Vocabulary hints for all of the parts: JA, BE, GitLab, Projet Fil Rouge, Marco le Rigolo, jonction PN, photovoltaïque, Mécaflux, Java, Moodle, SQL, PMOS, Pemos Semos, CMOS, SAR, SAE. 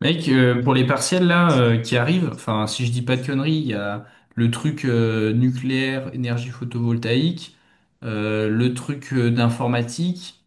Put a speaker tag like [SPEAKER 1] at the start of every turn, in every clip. [SPEAKER 1] Mec, pour les partiels là qui arrivent, enfin si je dis pas de conneries, il y a le truc nucléaire, énergie photovoltaïque, le truc d'informatique.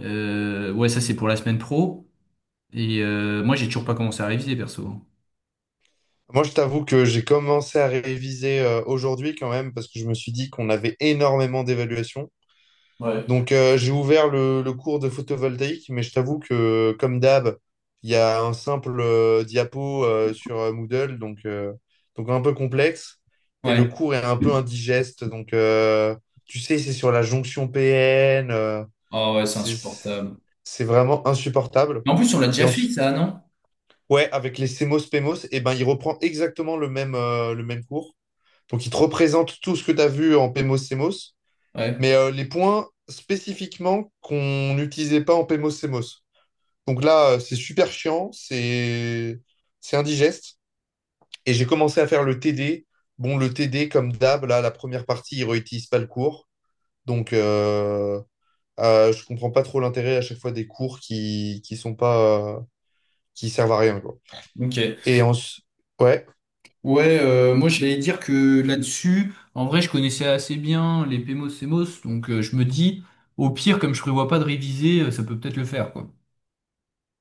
[SPEAKER 1] Ouais, ça c'est pour la semaine pro. Et moi j'ai toujours pas commencé à réviser perso.
[SPEAKER 2] Moi, je t'avoue que j'ai commencé à réviser aujourd'hui quand même parce que je me suis dit qu'on avait énormément d'évaluations.
[SPEAKER 1] Ouais.
[SPEAKER 2] Donc, j'ai ouvert le cours de photovoltaïque, mais je t'avoue que, comme d'hab, il y a un simple diapo sur Moodle, donc un peu complexe. Et le
[SPEAKER 1] Ouais.
[SPEAKER 2] cours est un peu indigeste. Donc, tu sais, c'est sur la jonction PN.
[SPEAKER 1] Ah ouais, c'est
[SPEAKER 2] C'est,
[SPEAKER 1] insupportable.
[SPEAKER 2] c'est vraiment insupportable.
[SPEAKER 1] Mais en plus, on l'a
[SPEAKER 2] Et
[SPEAKER 1] déjà fait,
[SPEAKER 2] ensuite,
[SPEAKER 1] ça, non?
[SPEAKER 2] ouais, avec les Semos Pemos, et ben, il reprend exactement le même cours. Donc, il te représente tout ce que tu as vu en Pemos Semos,
[SPEAKER 1] Ouais.
[SPEAKER 2] mais les points spécifiquement qu'on n'utilisait pas en Pemos Semos. Donc là, c'est super chiant, c'est indigeste. Et j'ai commencé à faire le TD. Bon, le TD, comme d'hab, là, la première partie, il ne réutilise pas le cours. Donc, je comprends pas trop l'intérêt à chaque fois des cours qui sont pas qui servent à rien, quoi.
[SPEAKER 1] Ok.
[SPEAKER 2] Et en... ouais.
[SPEAKER 1] Ouais, moi j'allais dire que là-dessus, en vrai, je connaissais assez bien les PMOS, CMOS, donc je me dis, au pire, comme je prévois pas de réviser, ça peut peut-être le faire, quoi.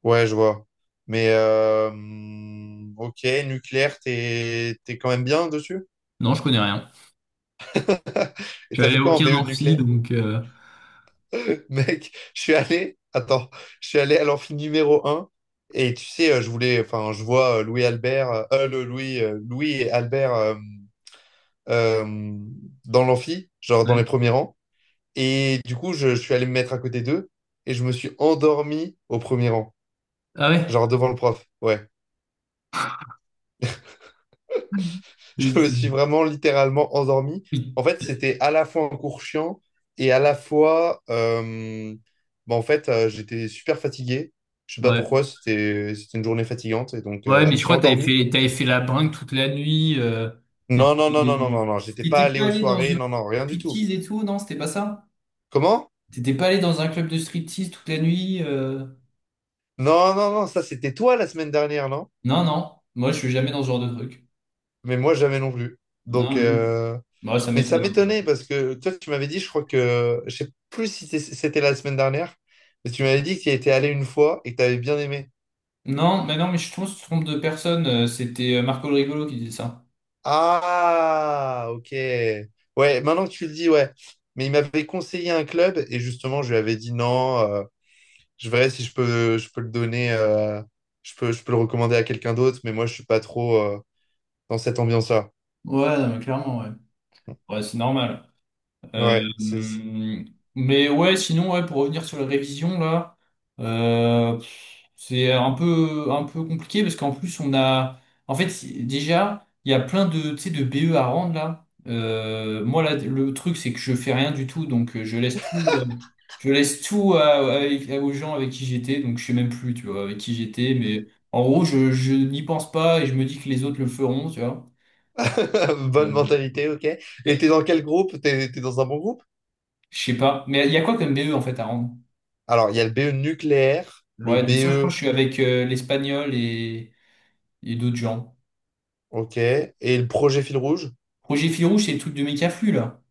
[SPEAKER 2] Ouais, je vois. Mais ok, nucléaire, t'es quand même bien dessus.
[SPEAKER 1] Non, je connais rien.
[SPEAKER 2] Et
[SPEAKER 1] Je suis
[SPEAKER 2] t'as
[SPEAKER 1] allé
[SPEAKER 2] fait
[SPEAKER 1] à
[SPEAKER 2] quoi en
[SPEAKER 1] aucun
[SPEAKER 2] BE de
[SPEAKER 1] amphi,
[SPEAKER 2] nucléaire?
[SPEAKER 1] donc...
[SPEAKER 2] Mec, je suis allé, attends, je suis allé à l'amphi numéro 1. Et tu sais, je voulais, enfin, je vois Louis Albert, le Louis, Louis et Albert euh, dans l'amphi, genre dans les
[SPEAKER 1] ouais.
[SPEAKER 2] premiers rangs. Et du coup, je suis allé me mettre à côté d'eux et je me suis endormi au premier rang,
[SPEAKER 1] Ah ouais?
[SPEAKER 2] genre devant le prof. Ouais.
[SPEAKER 1] C'est-
[SPEAKER 2] Je me
[SPEAKER 1] c'est-
[SPEAKER 2] suis vraiment littéralement endormi.
[SPEAKER 1] oui.
[SPEAKER 2] En fait, c'était à la fois un cours chiant et à la fois, bah, en fait, j'étais super fatigué. Je sais pas
[SPEAKER 1] Ouais.
[SPEAKER 2] pourquoi, c'était une journée fatigante et donc
[SPEAKER 1] Ouais,
[SPEAKER 2] je
[SPEAKER 1] mais
[SPEAKER 2] me
[SPEAKER 1] je
[SPEAKER 2] suis
[SPEAKER 1] crois que
[SPEAKER 2] endormi.
[SPEAKER 1] t'avais fait la brinque toute la nuit. euh,
[SPEAKER 2] Non, non, non,
[SPEAKER 1] t'étais
[SPEAKER 2] non, non, non, non, j'étais pas
[SPEAKER 1] t'étais
[SPEAKER 2] allé
[SPEAKER 1] pas
[SPEAKER 2] aux
[SPEAKER 1] allé dans
[SPEAKER 2] soirées,
[SPEAKER 1] une
[SPEAKER 2] non, non, rien du tout.
[SPEAKER 1] striptease et tout, non, c'était pas ça?
[SPEAKER 2] Comment?
[SPEAKER 1] T'étais pas allé dans un club de striptease toute la nuit?
[SPEAKER 2] Non, non, non, ça c'était toi la semaine dernière, non?
[SPEAKER 1] Non, non. Moi, je suis jamais dans ce genre de truc.
[SPEAKER 2] Mais moi jamais non plus. Donc,
[SPEAKER 1] Non, mais oui. Bah, ça
[SPEAKER 2] mais ça
[SPEAKER 1] m'étonne un peu.
[SPEAKER 2] m'étonnait parce que toi tu m'avais dit, je crois que, je sais plus si c'était la semaine dernière, mais tu m'avais dit que tu y étais allé une fois et que tu avais bien aimé.
[SPEAKER 1] Non, mais non, mais je trompe de personne. C'était Marco le Rigolo qui disait ça.
[SPEAKER 2] Ah, ok. Ouais, maintenant que tu le dis, ouais. Mais il m'avait conseillé un club et justement, je lui avais dit non, je verrai si je peux, je peux le donner, je peux le recommander à quelqu'un d'autre, mais moi, je suis pas trop dans cette ambiance-là.
[SPEAKER 1] Ouais, non, mais clairement, ouais. Ouais, c'est normal. Euh,
[SPEAKER 2] Ouais, c'est
[SPEAKER 1] mais ouais, sinon, ouais, pour revenir sur les révisions, là, c'est un peu compliqué parce qu'en plus, on a. En fait, déjà, il y a plein de, tu sais, de BE à rendre, là. Moi, là, le truc, c'est que je fais rien du tout, donc je laisse tout, je laisse aux gens avec qui j'étais, donc je sais même plus, tu vois, avec qui j'étais, mais en gros, je n'y pense pas et je me dis que les autres le feront, tu vois.
[SPEAKER 2] bonne
[SPEAKER 1] Euh,
[SPEAKER 2] mentalité, ok. Et t'es dans quel groupe? T'es dans un bon groupe?
[SPEAKER 1] je sais pas. Mais il y a quoi comme BE, en fait, à rendre?
[SPEAKER 2] Alors, il y a le BE nucléaire, le
[SPEAKER 1] Ouais, donc ça, je crois que je
[SPEAKER 2] BE,
[SPEAKER 1] suis avec l'Espagnol et d'autres gens.
[SPEAKER 2] ok, et le projet fil rouge.
[SPEAKER 1] Projet Fil Rouge, c'est le truc de Mécaflux, là.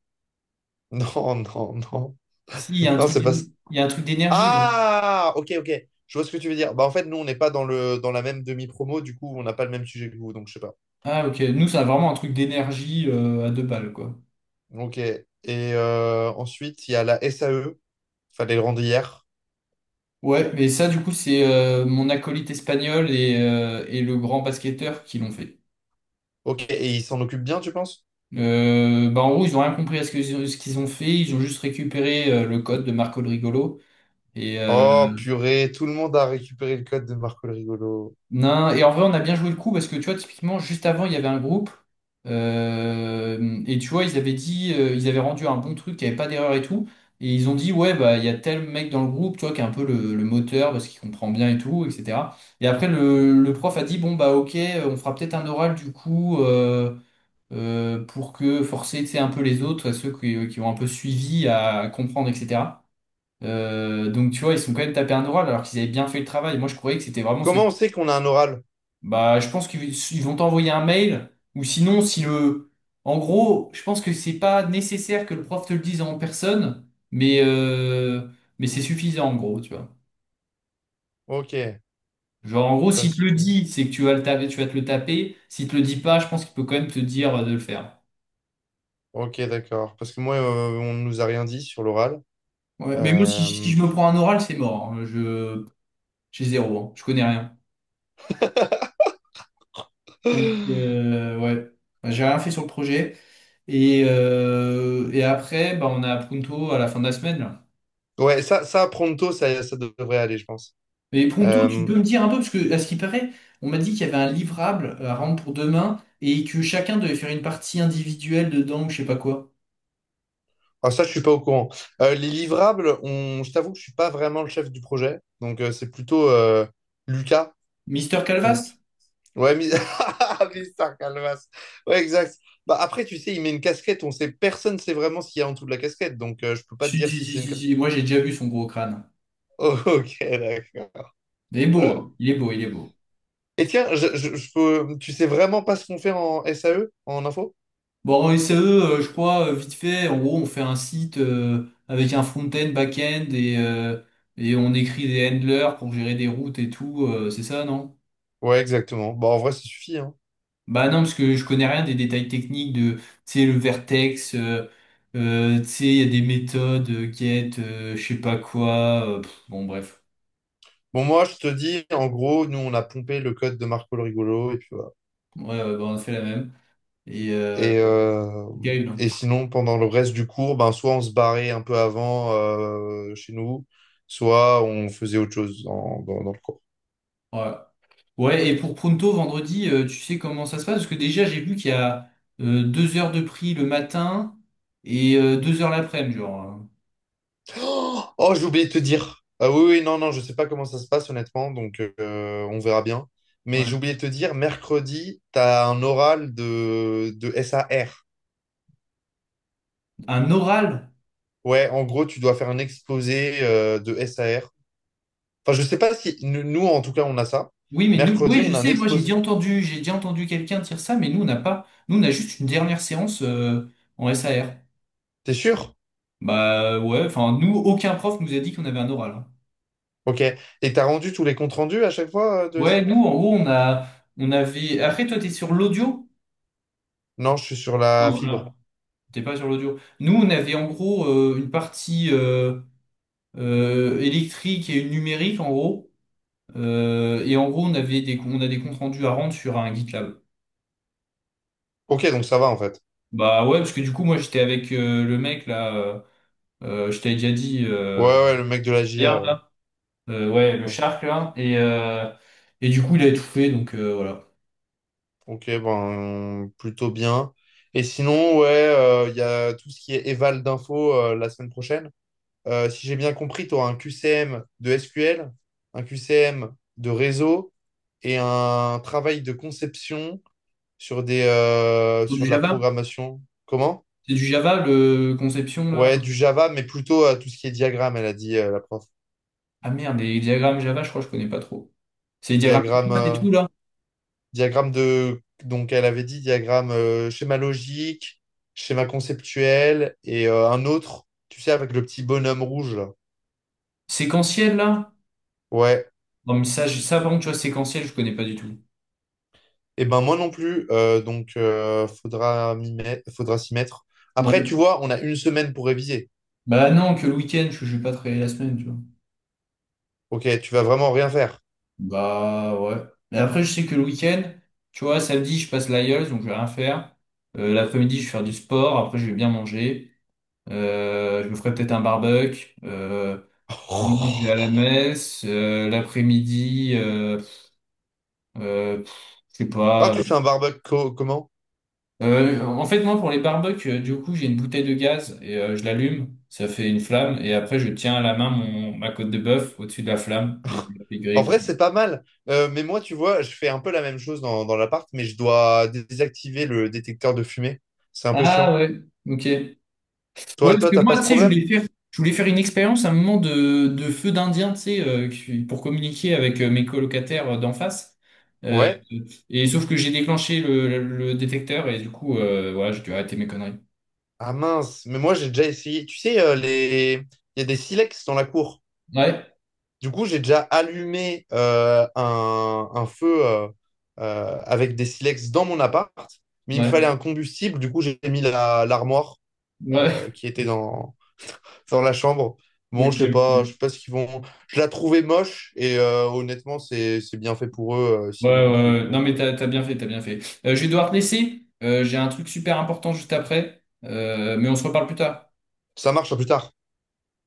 [SPEAKER 2] Non, non, non.
[SPEAKER 1] Si, il y a
[SPEAKER 2] Non, c'est pas.
[SPEAKER 1] il y a un truc d'énergie, là.
[SPEAKER 2] Ah, ok, ok. Je vois ce que tu veux dire. Bah, en fait, nous, on n'est pas dans le, dans la même demi-promo, du coup, on n'a pas le même sujet que vous, donc je sais pas.
[SPEAKER 1] Ah, ok. Nous, c'est vraiment un truc d'énergie à deux balles, quoi.
[SPEAKER 2] Ok. Et ensuite, il y a la SAE. Fallait le rendre hier.
[SPEAKER 1] Ouais, mais ça, du coup, c'est mon acolyte espagnol et le grand basketteur qui l'ont fait.
[SPEAKER 2] Ok. Et ils s'en occupent bien, tu penses?
[SPEAKER 1] Bah, en gros, ils ont rien compris à ce qu'ils ont fait. Ils ont juste récupéré le code de Marco le Rigolo. Et,
[SPEAKER 2] Oh, purée, tout le monde a récupéré le code de Marco le Rigolo.
[SPEAKER 1] non, et en vrai, on a bien joué le coup parce que tu vois, typiquement, juste avant, il y avait un groupe et tu vois, ils avaient dit, ils avaient rendu un bon truc, il n'y avait pas d'erreur et tout. Et ils ont dit, ouais, bah, il y a tel mec dans le groupe, tu vois, qui est un peu le moteur parce qu'il comprend bien et tout, etc. Et après, le prof a dit, bon, bah, ok, on fera peut-être un oral du coup pour que forcer, tu sais, un peu les autres, ceux qui ont un peu suivi à comprendre, etc. Donc, tu vois, ils sont quand même tapés un oral alors qu'ils avaient bien fait le travail. Moi, je croyais que c'était vraiment ceux
[SPEAKER 2] Comment on sait qu'on a un oral?
[SPEAKER 1] bah, je pense qu'ils ils vont t'envoyer un mail, ou sinon, si le... En gros, je pense que c'est pas nécessaire que le prof te le dise en personne, mais, euh, mais c'est suffisant, en gros, tu vois.
[SPEAKER 2] Ok.
[SPEAKER 1] Genre, en gros, s'il te
[SPEAKER 2] Parce
[SPEAKER 1] le
[SPEAKER 2] que.
[SPEAKER 1] dit, c'est que tu vas te le taper. S'il te le dit pas, je pense qu'il peut quand même te dire de le faire.
[SPEAKER 2] Ok, d'accord. Parce que moi, on ne nous a rien dit sur l'oral.
[SPEAKER 1] Ouais, mais moi, si
[SPEAKER 2] Euh,
[SPEAKER 1] je me prends un oral, c'est mort. Hein. J'ai zéro, hein. Je connais rien. Donc, ouais. Bah, j'ai rien fait sur le projet. Et après, bah, on a Pronto à la fin de la semaine, là.
[SPEAKER 2] Ouais, ça, Pronto, ça devrait aller, je pense.
[SPEAKER 1] Mais Pronto, tu
[SPEAKER 2] Euh,
[SPEAKER 1] peux me dire un peu, parce que à ce qui paraît, on m'a dit qu'il y avait un livrable à rendre pour demain et que chacun devait faire une partie individuelle dedans ou je sais pas quoi.
[SPEAKER 2] Ah, ça, je suis pas au courant. Les livrables, je t'avoue que je suis pas vraiment le chef du projet. Donc, c'est plutôt Lucas.
[SPEAKER 1] Mister
[SPEAKER 2] Donc,
[SPEAKER 1] Calvas?
[SPEAKER 2] ouais, Mister Calvas. Ouais, exact. Bah, après, tu sais, il met une casquette. On sait, personne sait vraiment ce qu'il y a en dessous de la casquette. Donc, je peux pas te
[SPEAKER 1] Si,
[SPEAKER 2] dire
[SPEAKER 1] si,
[SPEAKER 2] si
[SPEAKER 1] si,
[SPEAKER 2] c'est une
[SPEAKER 1] si,
[SPEAKER 2] casquette.
[SPEAKER 1] si, moi j'ai déjà vu son gros crâne.
[SPEAKER 2] Oh, ok, d'accord.
[SPEAKER 1] Il est beau, hein. Il est beau, il est beau.
[SPEAKER 2] Et tiens, tu sais vraiment pas ce qu'on fait en SAE, en info?
[SPEAKER 1] Bon, en SAE, je crois, vite fait, en gros, on fait un site avec un front-end, back-end et on écrit des handlers pour gérer des routes et tout, c'est ça, non?
[SPEAKER 2] Ouais, exactement. Bah, en vrai, ça suffit, hein.
[SPEAKER 1] Bah non, parce que je connais rien des détails techniques de, tu sais, le vertex, tu sais, il y a des méthodes, get, je sais pas quoi, bon bref.
[SPEAKER 2] Bon, moi, je te dis, en gros, nous, on a pompé le code de Marco le Rigolo. Et puis, voilà.
[SPEAKER 1] Ouais, ouais, bah, on a fait la même. Et
[SPEAKER 2] Et, euh,
[SPEAKER 1] Gaël, hein.
[SPEAKER 2] et sinon, pendant le reste du cours, ben, soit on se barrait un peu avant chez nous, soit on faisait autre chose dans le cours.
[SPEAKER 1] Ouais. Ouais, et pour Pronto, vendredi, tu sais comment ça se passe? Parce que déjà, j'ai vu qu'il y a deux heures de prix le matin et deux heures l'après-midi, genre. Hein.
[SPEAKER 2] Oh, oh, j'ai oublié de te dire. Ah oui, oui, non, non, je sais pas comment ça se passe honnêtement, donc on verra bien. Mais j'ai
[SPEAKER 1] Ouais.
[SPEAKER 2] oublié de te dire, mercredi, tu as un oral de SAR.
[SPEAKER 1] Un oral
[SPEAKER 2] Ouais, en gros, tu dois faire un exposé de SAR. Enfin, je sais pas si nous, nous, en tout cas, on a ça.
[SPEAKER 1] Oui, mais nous,
[SPEAKER 2] Mercredi,
[SPEAKER 1] oui, je
[SPEAKER 2] on a un
[SPEAKER 1] sais, moi
[SPEAKER 2] exposé.
[SPEAKER 1] j'ai déjà entendu quelqu'un dire ça, mais nous on n'a pas, nous on a juste une dernière séance en SAR.
[SPEAKER 2] T'es sûr?
[SPEAKER 1] Bah ouais, enfin nous, aucun prof nous a dit qu'on avait un oral. Hein.
[SPEAKER 2] Ok. Et t'as rendu tous les comptes rendus à chaque fois de
[SPEAKER 1] Ouais, nous
[SPEAKER 2] SF?
[SPEAKER 1] en gros on avait. Après toi t'es sur l'audio?
[SPEAKER 2] Non, je suis sur la
[SPEAKER 1] Non,
[SPEAKER 2] fibre.
[SPEAKER 1] voilà. T'es pas sur l'audio. Nous on avait en gros une partie électrique et une numérique en gros. Et en gros on a des comptes rendus à rendre sur un GitLab.
[SPEAKER 2] Ok, donc ça va en fait.
[SPEAKER 1] Bah ouais, parce que du coup moi j'étais avec le mec là, je t'avais déjà dit.
[SPEAKER 2] Ouais, ouais, le mec de la
[SPEAKER 1] Gaillard,
[SPEAKER 2] JA, ouais.
[SPEAKER 1] là. Ouais, le
[SPEAKER 2] Ouais.
[SPEAKER 1] Shark, là. Et du coup, il a étouffé, donc voilà.
[SPEAKER 2] Ok, ben, plutôt bien. Et sinon, ouais, il y a tout ce qui est éval d'infos la semaine prochaine. Si j'ai bien compris, tu un QCM de SQL, un QCM de réseau et un travail de conception sur des, euh,
[SPEAKER 1] C'est
[SPEAKER 2] sur
[SPEAKER 1] du
[SPEAKER 2] de la
[SPEAKER 1] Java?
[SPEAKER 2] programmation. Comment?
[SPEAKER 1] C'est du Java, le conception, là.
[SPEAKER 2] Ouais, du Java, mais plutôt tout ce qui est diagramme, elle a dit la prof.
[SPEAKER 1] Ah merde, les diagrammes Java, je crois que je connais pas trop. C'est les diagrammes
[SPEAKER 2] Diagramme,
[SPEAKER 1] de classe et
[SPEAKER 2] euh,
[SPEAKER 1] tout, là.
[SPEAKER 2] diagramme de, donc elle avait dit diagramme schéma logique, schéma conceptuel et un autre, tu sais, avec le petit bonhomme rouge là.
[SPEAKER 1] Séquentiel, là.
[SPEAKER 2] Ouais.
[SPEAKER 1] Non, mais ça, ça, par contre, tu vois, séquentiel, je connais pas du tout.
[SPEAKER 2] Et ben moi non plus, donc faudra m'y mettre, faudra s'y mettre.
[SPEAKER 1] Ouais.
[SPEAKER 2] Après, tu vois, on a une semaine pour réviser.
[SPEAKER 1] Bah non, que le week-end, je vais pas travailler la semaine, tu vois.
[SPEAKER 2] Ok, tu vas vraiment rien faire.
[SPEAKER 1] Bah ouais. Mais après, je sais que le week-end, tu vois, samedi, je passe l'IELTS, donc je vais rien faire. L'après-midi, je vais faire du sport. Après, je vais bien manger. Je me ferai peut-être un barbecue. Dimanche, je vais à la messe. L'après-midi, je sais
[SPEAKER 2] Ah,
[SPEAKER 1] pas.
[SPEAKER 2] tu fais un barbecue comment?
[SPEAKER 1] En fait, moi, pour les barbecues, du coup, j'ai une bouteille de gaz et je l'allume. Ça fait une flamme. Et après, je tiens à la main mon, ma côte de bœuf au-dessus de la flamme. Des
[SPEAKER 2] En
[SPEAKER 1] grillés, quoi.
[SPEAKER 2] vrai, c'est pas mal. Mais moi, tu vois, je fais un peu la même chose dans l'appart, mais je dois désactiver le détecteur de fumée. C'est un peu
[SPEAKER 1] Ah
[SPEAKER 2] chiant.
[SPEAKER 1] ouais, ok. Ouais,
[SPEAKER 2] Toi,
[SPEAKER 1] parce
[SPEAKER 2] toi,
[SPEAKER 1] que
[SPEAKER 2] t'as
[SPEAKER 1] moi,
[SPEAKER 2] pas
[SPEAKER 1] tu
[SPEAKER 2] ce
[SPEAKER 1] sais,
[SPEAKER 2] problème?
[SPEAKER 1] je voulais faire une expérience à un moment de feu d'Indien, tu sais, pour communiquer avec mes colocataires d'en face. Euh,
[SPEAKER 2] Ouais.
[SPEAKER 1] et sauf que j'ai déclenché le détecteur et du coup, voilà, j'ai dû arrêter mes conneries.
[SPEAKER 2] Ah mince, mais moi j'ai déjà essayé. Tu sais, il y a des silex dans la cour.
[SPEAKER 1] Ouais,
[SPEAKER 2] Du coup, j'ai déjà allumé un feu avec des silex dans mon appart, mais il me
[SPEAKER 1] ouais,
[SPEAKER 2] fallait un combustible. Du coup, j'ai mis l'armoire
[SPEAKER 1] ouais.
[SPEAKER 2] qui était dans la chambre. Bon,
[SPEAKER 1] Ok,
[SPEAKER 2] je sais pas, je
[SPEAKER 1] ok.
[SPEAKER 2] sais pas ce qu'ils vont. Je la trouvais moche et honnêtement, c'est bien fait pour eux
[SPEAKER 1] Ouais,
[SPEAKER 2] s'ils l'ont plus.
[SPEAKER 1] ouais, ouais. Non,
[SPEAKER 2] Donc,
[SPEAKER 1] mais t'as bien fait, t'as bien fait. Je vais devoir te laisser. J'ai un truc super important juste après. Mais on se reparle plus tard.
[SPEAKER 2] ça marche à plus tard.